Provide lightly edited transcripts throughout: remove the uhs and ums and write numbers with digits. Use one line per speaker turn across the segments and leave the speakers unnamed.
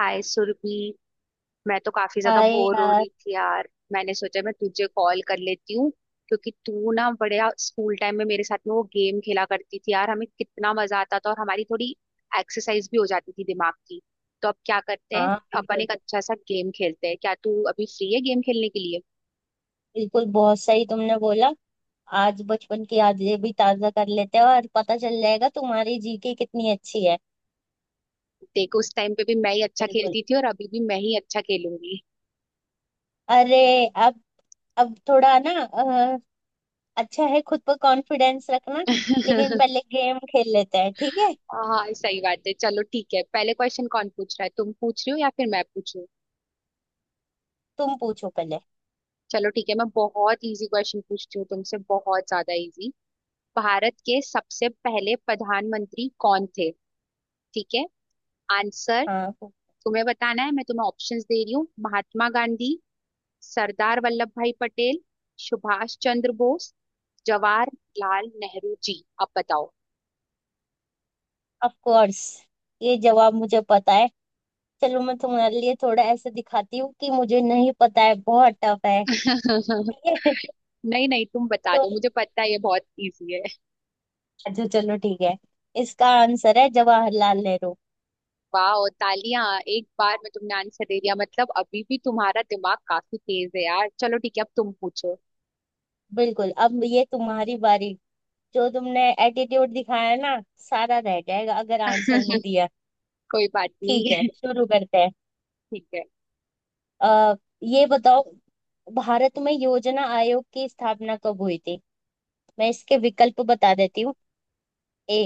हाय सुरभि। मैं तो काफी ज्यादा
हाय
बोर हो
यार।
रही थी यार। मैंने सोचा मैं तुझे कॉल कर लेती हूँ, क्योंकि तू ना बड़े स्कूल टाइम में मेरे साथ में वो गेम खेला करती थी यार, हमें कितना मजा आता था और हमारी थोड़ी एक्सरसाइज भी हो जाती थी दिमाग की। तो अब क्या करते हैं,
हाँ
अपन
बिल्कुल।
एक अच्छा सा गेम खेलते हैं। क्या तू अभी फ्री है गेम खेलने के लिए?
बिल्कुल, बहुत सही तुमने बोला। आज बचपन की यादें भी ताजा कर लेते हैं और पता चल जाएगा तुम्हारी जीके कितनी अच्छी है।
देख उस टाइम पे भी मैं ही अच्छा
बिल्कुल।
खेलती थी और अभी भी मैं ही अच्छा खेलूंगी।
अरे, अब अब थोड़ा ना अच्छा है खुद पर कॉन्फिडेंस रखना। लेकिन पहले गेम खेल लेते हैं, ठीक है।
हाँ सही बात है, चलो ठीक है, पहले क्वेश्चन कौन पूछ रहा है, तुम पूछ रही हो या फिर मैं पूछूं?
तुम पूछो पहले।
चलो ठीक है, मैं बहुत इजी क्वेश्चन पूछती हूँ तुमसे, बहुत ज्यादा इजी। भारत के सबसे पहले प्रधानमंत्री कौन थे? ठीक है, आंसर
हाँ,
तुम्हें बताना है। मैं तुम्हें ऑप्शंस दे रही हूँ। महात्मा गांधी, सरदार वल्लभ भाई पटेल, सुभाष चंद्र बोस, जवाहरलाल नेहरू जी। अब बताओ।
ऑफ कोर्स, ये जवाब मुझे पता है। चलो मैं तुम्हारे लिए थोड़ा ऐसे दिखाती हूँ कि मुझे नहीं पता है, बहुत टफ है। ठीक है?
नहीं नहीं तुम बता
तो
दो, मुझे पता है ये बहुत इजी है।
अच्छा, चलो ठीक है। इसका आंसर है जवाहरलाल नेहरू।
वाह, तालियां। एक बार में तुमने आंसर दे दिया, मतलब अभी भी तुम्हारा दिमाग काफी तेज है यार। चलो ठीक है, अब तुम पूछो।
बिल्कुल। अब ये तुम्हारी बारी। जो तुमने एटीट्यूड दिखाया ना, सारा रह जाएगा अगर आंसर नहीं दिया।
कोई बात
ठीक है,
नहीं।
शुरू करते हैं।
ठीक है।
अ ये बताओ, भारत में योजना आयोग की स्थापना कब हुई थी। मैं इसके विकल्प बता देती हूँ। A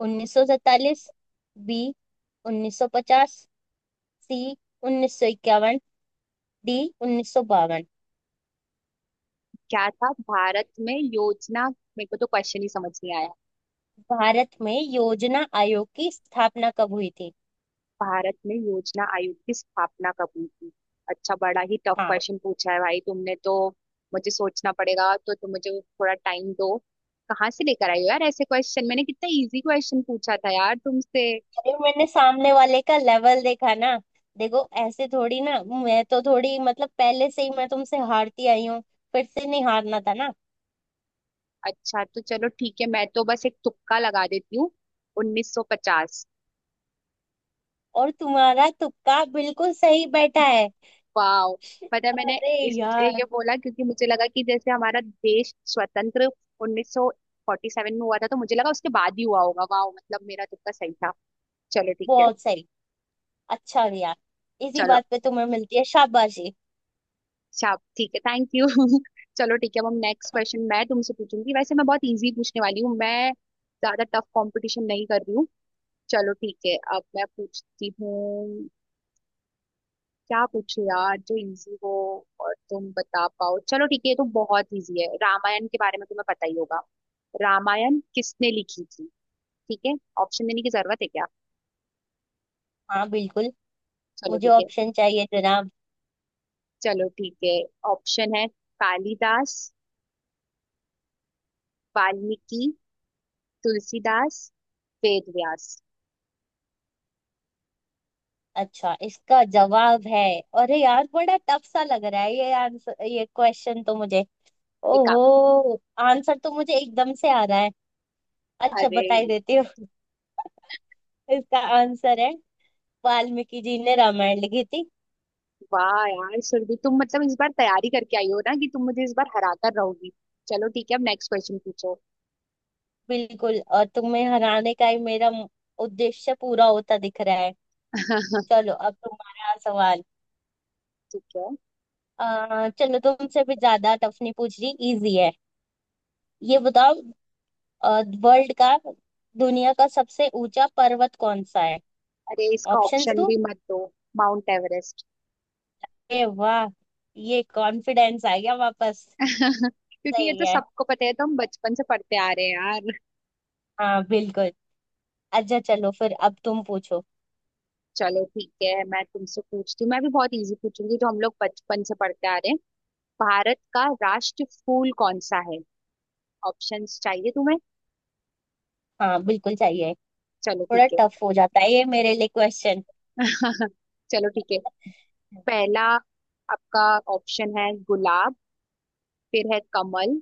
1947, B 1950, C 1951, D 1952।
क्या था भारत में योजना? मेरे को तो क्वेश्चन ही समझ नहीं आया।
भारत में योजना आयोग की स्थापना कब हुई थी।
भारत में योजना आयोग की स्थापना कब हुई थी? अच्छा, बड़ा ही टफ
हाँ।
क्वेश्चन पूछा है भाई तुमने तो। मुझे सोचना पड़ेगा, तो तुम मुझे थोड़ा टाइम दो। कहाँ से लेकर आई हो यार ऐसे क्वेश्चन, मैंने कितना इजी क्वेश्चन पूछा था यार तुमसे।
ये मैंने सामने वाले का लेवल देखा ना। देखो ऐसे थोड़ी ना। मैं तो थोड़ी मतलब पहले से ही मैं तुमसे हारती आई हूँ। फिर से नहीं हारना था ना।
अच्छा तो चलो ठीक है, मैं तो बस एक तुक्का लगा देती हूँ। 1950।
और तुम्हारा तुक्का बिल्कुल सही बैठा है।
वाह, पता है मैंने
अरे
इसलिए
यार,
ये बोला क्योंकि मुझे लगा कि जैसे हमारा देश स्वतंत्र 1947 में हुआ था, तो मुझे लगा उसके बाद ही हुआ होगा। वाह, मतलब मेरा तुक्का सही था। चलो ठीक है।
बहुत सही। अच्छा गया। इसी
चलो,
बात पे तुम्हें मिलती है शाबाशी।
अच्छा ठीक है, थैंक यू। चलो ठीक है, अब हम नेक्स्ट क्वेश्चन मैं तुमसे पूछूंगी। वैसे मैं बहुत इजी पूछने वाली हूँ, मैं ज्यादा टफ कंपटीशन नहीं कर रही हूँ। चलो ठीक है, अब मैं पूछती हूँ। क्या पूछो यार जो इजी हो और तुम बता पाओ। चलो ठीक है, ये तो बहुत इजी है, रामायण के बारे में तुम्हें पता ही होगा। रामायण किसने लिखी थी? ठीक है, ऑप्शन देने की जरूरत है क्या?
हाँ बिल्कुल।
चलो
मुझे
ठीक है।
ऑप्शन चाहिए जनाब।
चलो ठीक है, ऑप्शन है कालिदास, वाल्मीकि, तुलसीदास, वेद व्यास।
अच्छा, इसका जवाब है, अरे यार बड़ा टफ सा लग रहा है ये आंसर। ये क्वेश्चन तो मुझे
ठीक है।
ओहो। आंसर तो मुझे एकदम से आ रहा है। अच्छा,
अरे
बताई देती हूँ। इसका आंसर है वाल्मीकि जी ने रामायण लिखी थी।
वाह यार सुरभि, तुम मतलब इस बार तैयारी करके आई हो ना कि तुम मुझे इस बार हरा कर रहोगी। चलो ठीक है, अब नेक्स्ट क्वेश्चन पूछो।
बिल्कुल। और तुम्हें हराने का ही मेरा उद्देश्य पूरा होता दिख रहा है।
ठीक
चलो अब तुम्हारा सवाल।
है।
चलो तुमसे भी ज्यादा टफ नहीं पूछ रही, इजी है। ये बताओ, वर्ल्ड का दुनिया का सबसे ऊंचा पर्वत कौन सा है।
अरे इसका
ऑप्शंस
ऑप्शन
दो।
भी मत दो, माउंट एवरेस्ट।
ए वाह, ये कॉन्फिडेंस आ गया वापस।
क्योंकि ये
सही
तो
है।
सबको पता है, तो हम बचपन से पढ़ते आ रहे हैं यार।
हाँ बिल्कुल। अच्छा चलो, फिर अब तुम पूछो।
चलो ठीक है, मैं तुमसे पूछती हूँ, मैं भी बहुत इजी पूछूंगी, जो हम लोग बचपन से पढ़ते आ रहे हैं। भारत का राष्ट्र फूल कौन सा है? ऑप्शंस चाहिए तुम्हें?
हाँ बिल्कुल चाहिए।
चलो
थोड़ा
ठीक है।
टफ हो जाता है ये मेरे लिए क्वेश्चन।
चलो ठीक है। पहला आपका ऑप्शन है गुलाब, फिर है कमल,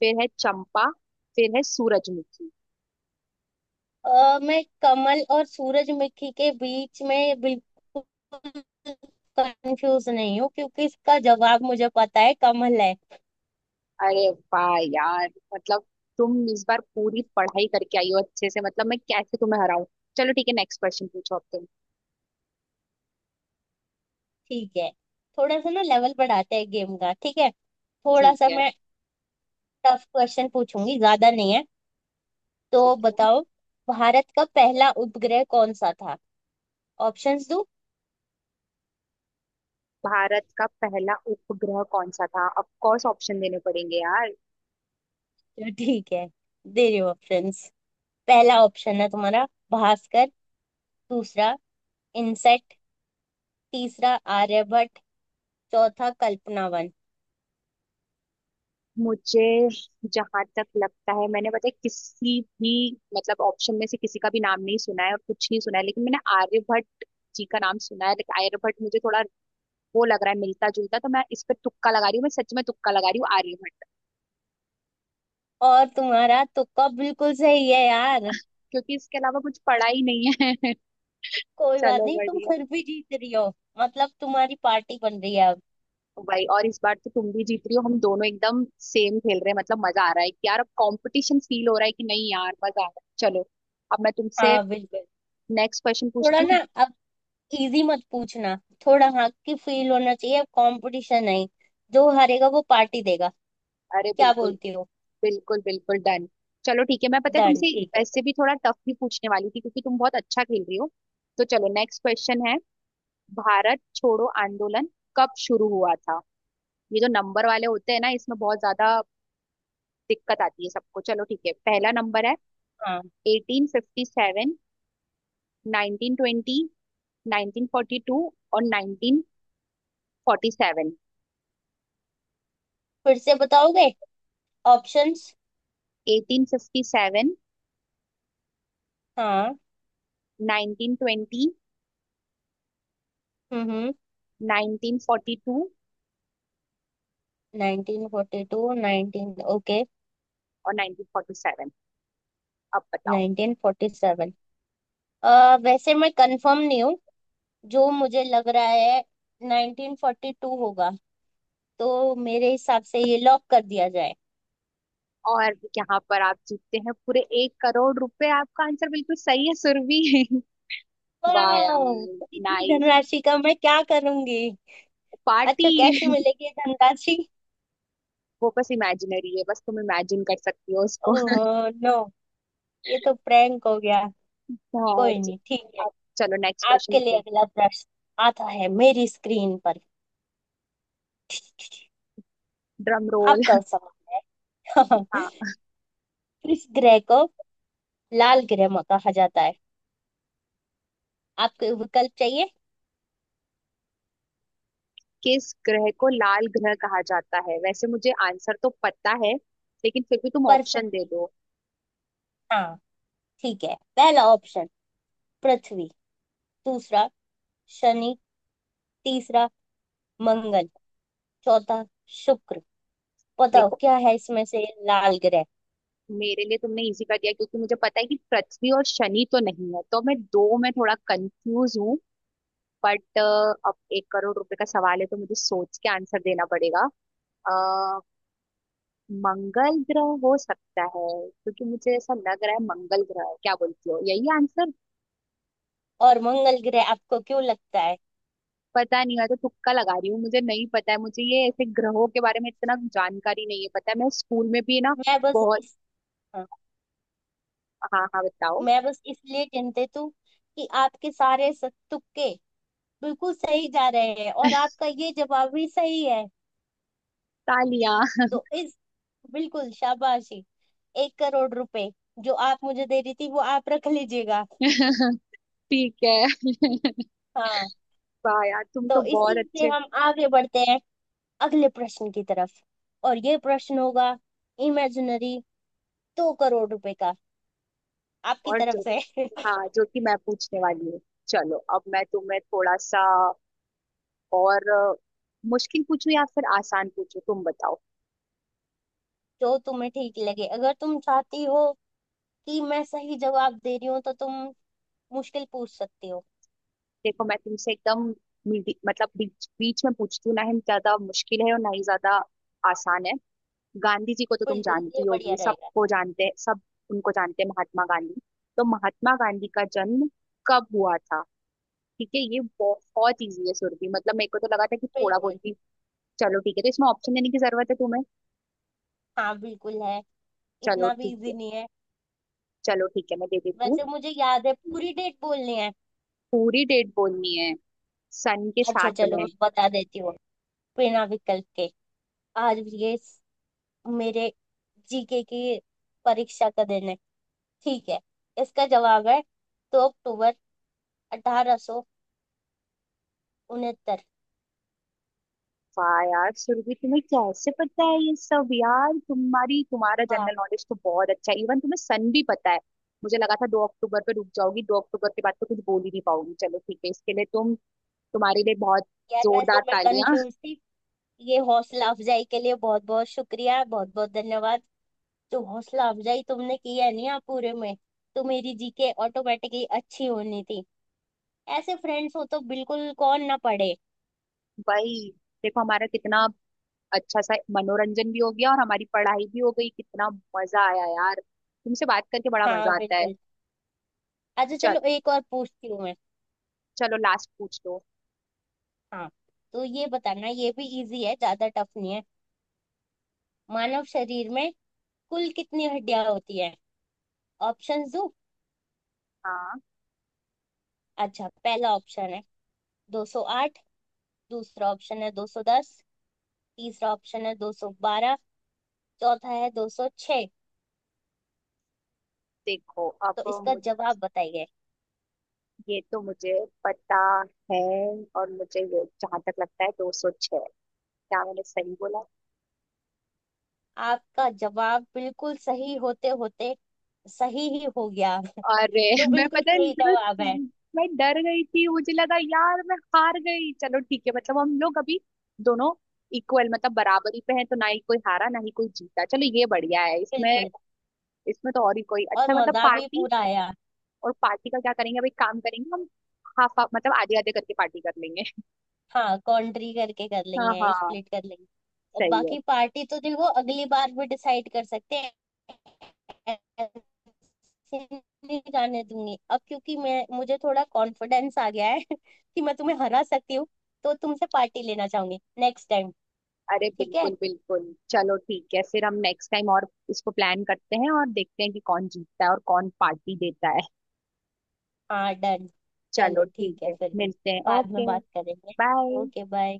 फिर है चंपा, फिर है सूरजमुखी।
मैं कमल और सूरजमुखी के बीच में बिल्कुल कंफ्यूज नहीं हूँ, क्योंकि इसका जवाब मुझे पता है, कमल है।
अरे वाह यार, मतलब तुम इस बार पूरी पढ़ाई करके आई हो अच्छे से, मतलब मैं कैसे तुम्हें हराऊं। चलो ठीक है, नेक्स्ट क्वेश्चन पूछो अब तुम।
ठीक है, थोड़ा सा ना लेवल बढ़ाते हैं गेम का। ठीक है थोड़ा
ठीक
सा
है।
मैं टफ क्वेश्चन पूछूंगी, ज्यादा नहीं है।
ठीक
तो
है।
बताओ, भारत का पहला उपग्रह कौन सा था। ऑप्शंस दूं।
भारत का पहला उपग्रह कौन सा था? ऑफ कोर्स ऑप्शन देने पड़ेंगे यार।
तो ठीक है, दे रही हूँ ऑप्शंस। पहला ऑप्शन है तुम्हारा भास्कर, दूसरा इनसेट, तीसरा आर्यभट्ट, चौथा कल्पनावन।
मुझे जहां तक लगता है, मैंने पता है किसी भी मतलब ऑप्शन में से किसी का भी नाम नहीं सुना है और कुछ नहीं सुना है, लेकिन मैंने आर्यभट्ट जी का नाम सुना है। लेकिन आर्यभट्ट मुझे थोड़ा वो लग रहा है मिलता जुलता, तो मैं इस पर तुक्का लगा रही हूँ, मैं सच में तुक्का लगा रही हूँ, आर्यभट्ट।
और तुम्हारा तुक्का बिल्कुल सही है यार।
क्योंकि इसके अलावा कुछ पढ़ा ही नहीं है।
कोई बात
चलो
नहीं, तुम
बढ़िया।
फिर भी जीत रही हो। मतलब तुम्हारी पार्टी बन रही है अब।
भाई, और इस बार तो तुम भी जीत रही हो, हम दोनों एकदम सेम खेल रहे हैं, मतलब मजा आ रहा है कि यार अब कंपटीशन फील हो रहा है कि नहीं। यार मजा आ रहा है। चलो, अब मैं तुमसे
हाँ बिल्कुल।
नेक्स्ट क्वेश्चन
थोड़ा
पूछती
ना,
हूँ।
अब इजी मत पूछना। थोड़ा हक की फील होना चाहिए अब, कंपटीशन नहीं। जो हारेगा वो पार्टी देगा।
अरे
क्या
बिल्कुल
बोलती हो।
बिल्कुल, बिल्कुल डन। चलो ठीक है, मैं पता है
डन,
तुमसे
ठीक है।
ऐसे भी थोड़ा टफ भी पूछने वाली थी, क्योंकि तुम बहुत अच्छा खेल रही हो। तो चलो, नेक्स्ट क्वेश्चन है, भारत छोड़ो आंदोलन कब शुरू हुआ था? ये जो नंबर वाले होते हैं ना, इसमें बहुत ज्यादा दिक्कत आती है सबको। चलो ठीक है, पहला नंबर है
हाँ।
1857, 1920, 1942 और 1947।
फिर से बताओगे ऑप्शंस।
1857,
हाँ।
1920,
हम्म।
1942
1942 19 ओके।
और 1947। अब बताओ।
1947। वैसे मैं कंफर्म नहीं हूँ। जो मुझे लग रहा है 1942 होगा। तो मेरे हिसाब से ये लॉक कर दिया जाए।
और यहाँ पर आप जीतते हैं पूरे 1,00,00,000 रुपए। आपका आंसर बिल्कुल सही है सुरभि। वाह यार,
वाह, इतनी
नाइस,
धनराशि का मैं क्या करूंगी।
पार्टी।
अच्छा कैसे मिलेगी ये धनराशि।
वो बस इमेजिनरी है, बस तुम इमेजिन कर सकती हो उसको।
ओह नो, ये तो प्रैंक हो गया।
हाँ,
कोई
च-
नहीं, ठीक है।
अब चलो नेक्स्ट क्वेश्चन
आपके लिए
तुम।
अगला प्रश्न आता है मेरी स्क्रीन पर।
Drum roll.
आपका सवाल।
हाँ।
किस ग्रह को लाल ग्रह में कहा जाता है। आपको विकल्प चाहिए
किस ग्रह को लाल ग्रह कहा जाता है? वैसे मुझे आंसर तो पता है, लेकिन फिर भी तुम ऑप्शन दे
पर्सन।
दो।
हाँ, ठीक है। पहला ऑप्शन पृथ्वी, दूसरा शनि, तीसरा मंगल, चौथा शुक्र। बताओ
देखो
क्या है इसमें से लाल ग्रह।
मेरे लिए तुमने इजी कर दिया, क्योंकि मुझे पता है कि पृथ्वी और शनि तो नहीं है, तो मैं दो में थोड़ा कंफ्यूज हूँ। बट अब 1,00,00,000 रुपए का सवाल है, तो मुझे सोच के आंसर देना पड़ेगा। अ, मंगल ग्रह हो सकता है, क्योंकि मुझे ऐसा लग रहा है मंगल ग्रह है। क्या बोलती हो, यही आंसर?
और मंगल ग्रह आपको क्यों लगता है।
पता नहीं, मैं तो तुक्का लगा रही हूँ, मुझे नहीं पता है, मुझे ये ऐसे ग्रहों के बारे में इतना जानकारी नहीं है। पता है मैं स्कूल में भी ना
मैं बस
बहुत।
इस हाँ,
हाँ हाँ बताओ।
मैं बस इसलिए चिंतित हूँ कि आपके सारे तुक्के बिल्कुल सही जा रहे हैं और आपका ये जवाब भी सही है।
तालियां।
तो इस बिल्कुल शाबाशी। 1 करोड़ रुपए जो आप मुझे दे रही थी वो आप रख लीजिएगा।
ठीक है।
हाँ।
वाह यार, तुम तो
तो इसी
बहुत
से
अच्छे।
हम आगे बढ़ते हैं अगले प्रश्न की तरफ। और ये प्रश्न होगा इमेजिनरी 2 करोड़ रुपए का, आपकी
और
तरफ
जो,
से।
हाँ, जो कि मैं पूछने वाली हूँ। चलो, अब मैं तुम्हें थोड़ा सा और मुश्किल पूछूं या फिर आसान पूछूं, तुम बताओ।
जो तुम्हें ठीक लगे, अगर तुम चाहती हो कि मैं सही जवाब दे रही हूँ तो तुम मुश्किल पूछ सकती हो।
देखो मैं तुमसे एकदम मतलब बीच बीच में पूछती हूँ, ना ही ज्यादा मुश्किल है और ना ही ज्यादा आसान है। गांधी जी को तो तुम
बिल्कुल, ये
जानती
बढ़िया
होगी,
रहेगा।
सबको जानते हैं सब, उनको जानते हैं, महात्मा गांधी। तो महात्मा गांधी का जन्म कब हुआ था? ठीक है, ये बहुत इजी है सुरभि, मतलब मेरे को तो लगा था कि थोड़ा बहुत
बिल्कुल।
भी। चलो ठीक है, तो इसमें ऑप्शन देने की जरूरत है तुम्हें?
हाँ बिल्कुल है।
चलो
इतना भी
ठीक है।
इजी नहीं है।
चलो ठीक है, मैं दे देती हूँ।
वैसे मुझे याद है पूरी डेट बोलनी है।
पूरी डेट बोलनी है, सन के
अच्छा
साथ
चलो
में।
मैं बता देती हूँ बिना विकल्प के। आज ये मेरे जीके की परीक्षा का दिन है, ठीक है। इसका जवाब है 2 अक्टूबर 1869।
वाह यार सुरभि, तुम्हें कैसे पता है ये सब यार। तुम्हारी तुम्हारा
हाँ।
जनरल नॉलेज तो बहुत अच्छा है, इवन तुम्हें सन भी पता है। मुझे लगा था 2 अक्टूबर पे रुक जाओगी, 2 अक्टूबर के बाद तो कुछ बोल ही नहीं पाऊंगी। चलो ठीक है, इसके लिए तुम, तुम्हारे लिए बहुत
यार वैसे
जोरदार
मैं
तालियां।
कंफ्यूज थी। ये हौसला अफजाई के लिए बहुत बहुत शुक्रिया, बहुत बहुत धन्यवाद। जो हौसला अफजाई तुमने की है ना यहाँ पूरे में, तो मेरी जीके ऑटोमेटिकली अच्छी होनी थी। ऐसे फ्रेंड्स हो तो बिल्कुल कौन ना पढ़े।
भाई, देखो हमारा कितना अच्छा सा मनोरंजन भी हो गया और हमारी पढ़ाई भी हो गई। कितना मजा आया यार, तुमसे बात करके बड़ा
हाँ
मजा आता है।
बिल्कुल। अच्छा
चल
चलो एक और पूछती हूँ मैं।
चलो लास्ट पूछ लो।
हाँ। तो ये बताना, ये भी इजी है ज्यादा टफ नहीं है। मानव शरीर में कुल कितनी हड्डियां होती है। ऑप्शन दो।
हाँ।
अच्छा, पहला ऑप्शन है 208, दूसरा ऑप्शन है 210, तीसरा ऑप्शन है 212, चौथा है 206।
देखो
तो
अब,
इसका जवाब बताइए।
ये तो मुझे पता है, और मुझे ये जहां तक लगता है 206। क्या मैंने सही बोला?
आपका जवाब बिल्कुल सही होते होते सही ही हो गया।
अरे।
तो
मैं
बिल्कुल
पता है
सही जवाब है।
मतलब, मैं डर गई थी, मुझे लगा यार मैं हार गई। चलो ठीक है, मतलब हम लोग अभी दोनों इक्वल, मतलब बराबरी पे हैं। तो ना ही कोई हारा ना ही कोई जीता, चलो ये बढ़िया है। इसमें,
बिल्कुल,
इसमें तो और ही कोई
और
अच्छा, मतलब
मजा भी
पार्टी,
पूरा आया।
और पार्टी का क्या करेंगे, अभी काम करेंगे हम। हाफ हाफ, मतलब आधे आधे करके पार्टी कर लेंगे।
हाँ कॉन्ट्री करके कर
हाँ
लेंगे,
हाँ
स्प्लिट कर लेंगे। और
सही है।
बाकी पार्टी तो देखो अगली बार भी डिसाइड कर सकते हैं। ऐसे नहीं जाने दूंगी अब, क्योंकि मैं मुझे थोड़ा कॉन्फिडेंस आ गया है कि मैं तुम्हें हरा सकती हूँ, तो तुमसे पार्टी लेना चाहूंगी नेक्स्ट टाइम।
अरे
ठीक है।
बिल्कुल बिल्कुल। चलो ठीक है, फिर हम नेक्स्ट टाइम और इसको प्लान करते हैं और देखते हैं कि कौन जीतता है और कौन पार्टी देता है।
हाँ डन।
चलो
चलो
ठीक
ठीक है
है,
फिर,
मिलते हैं,
बाद में
ओके
बात करेंगे।
बाय।
Okay bye.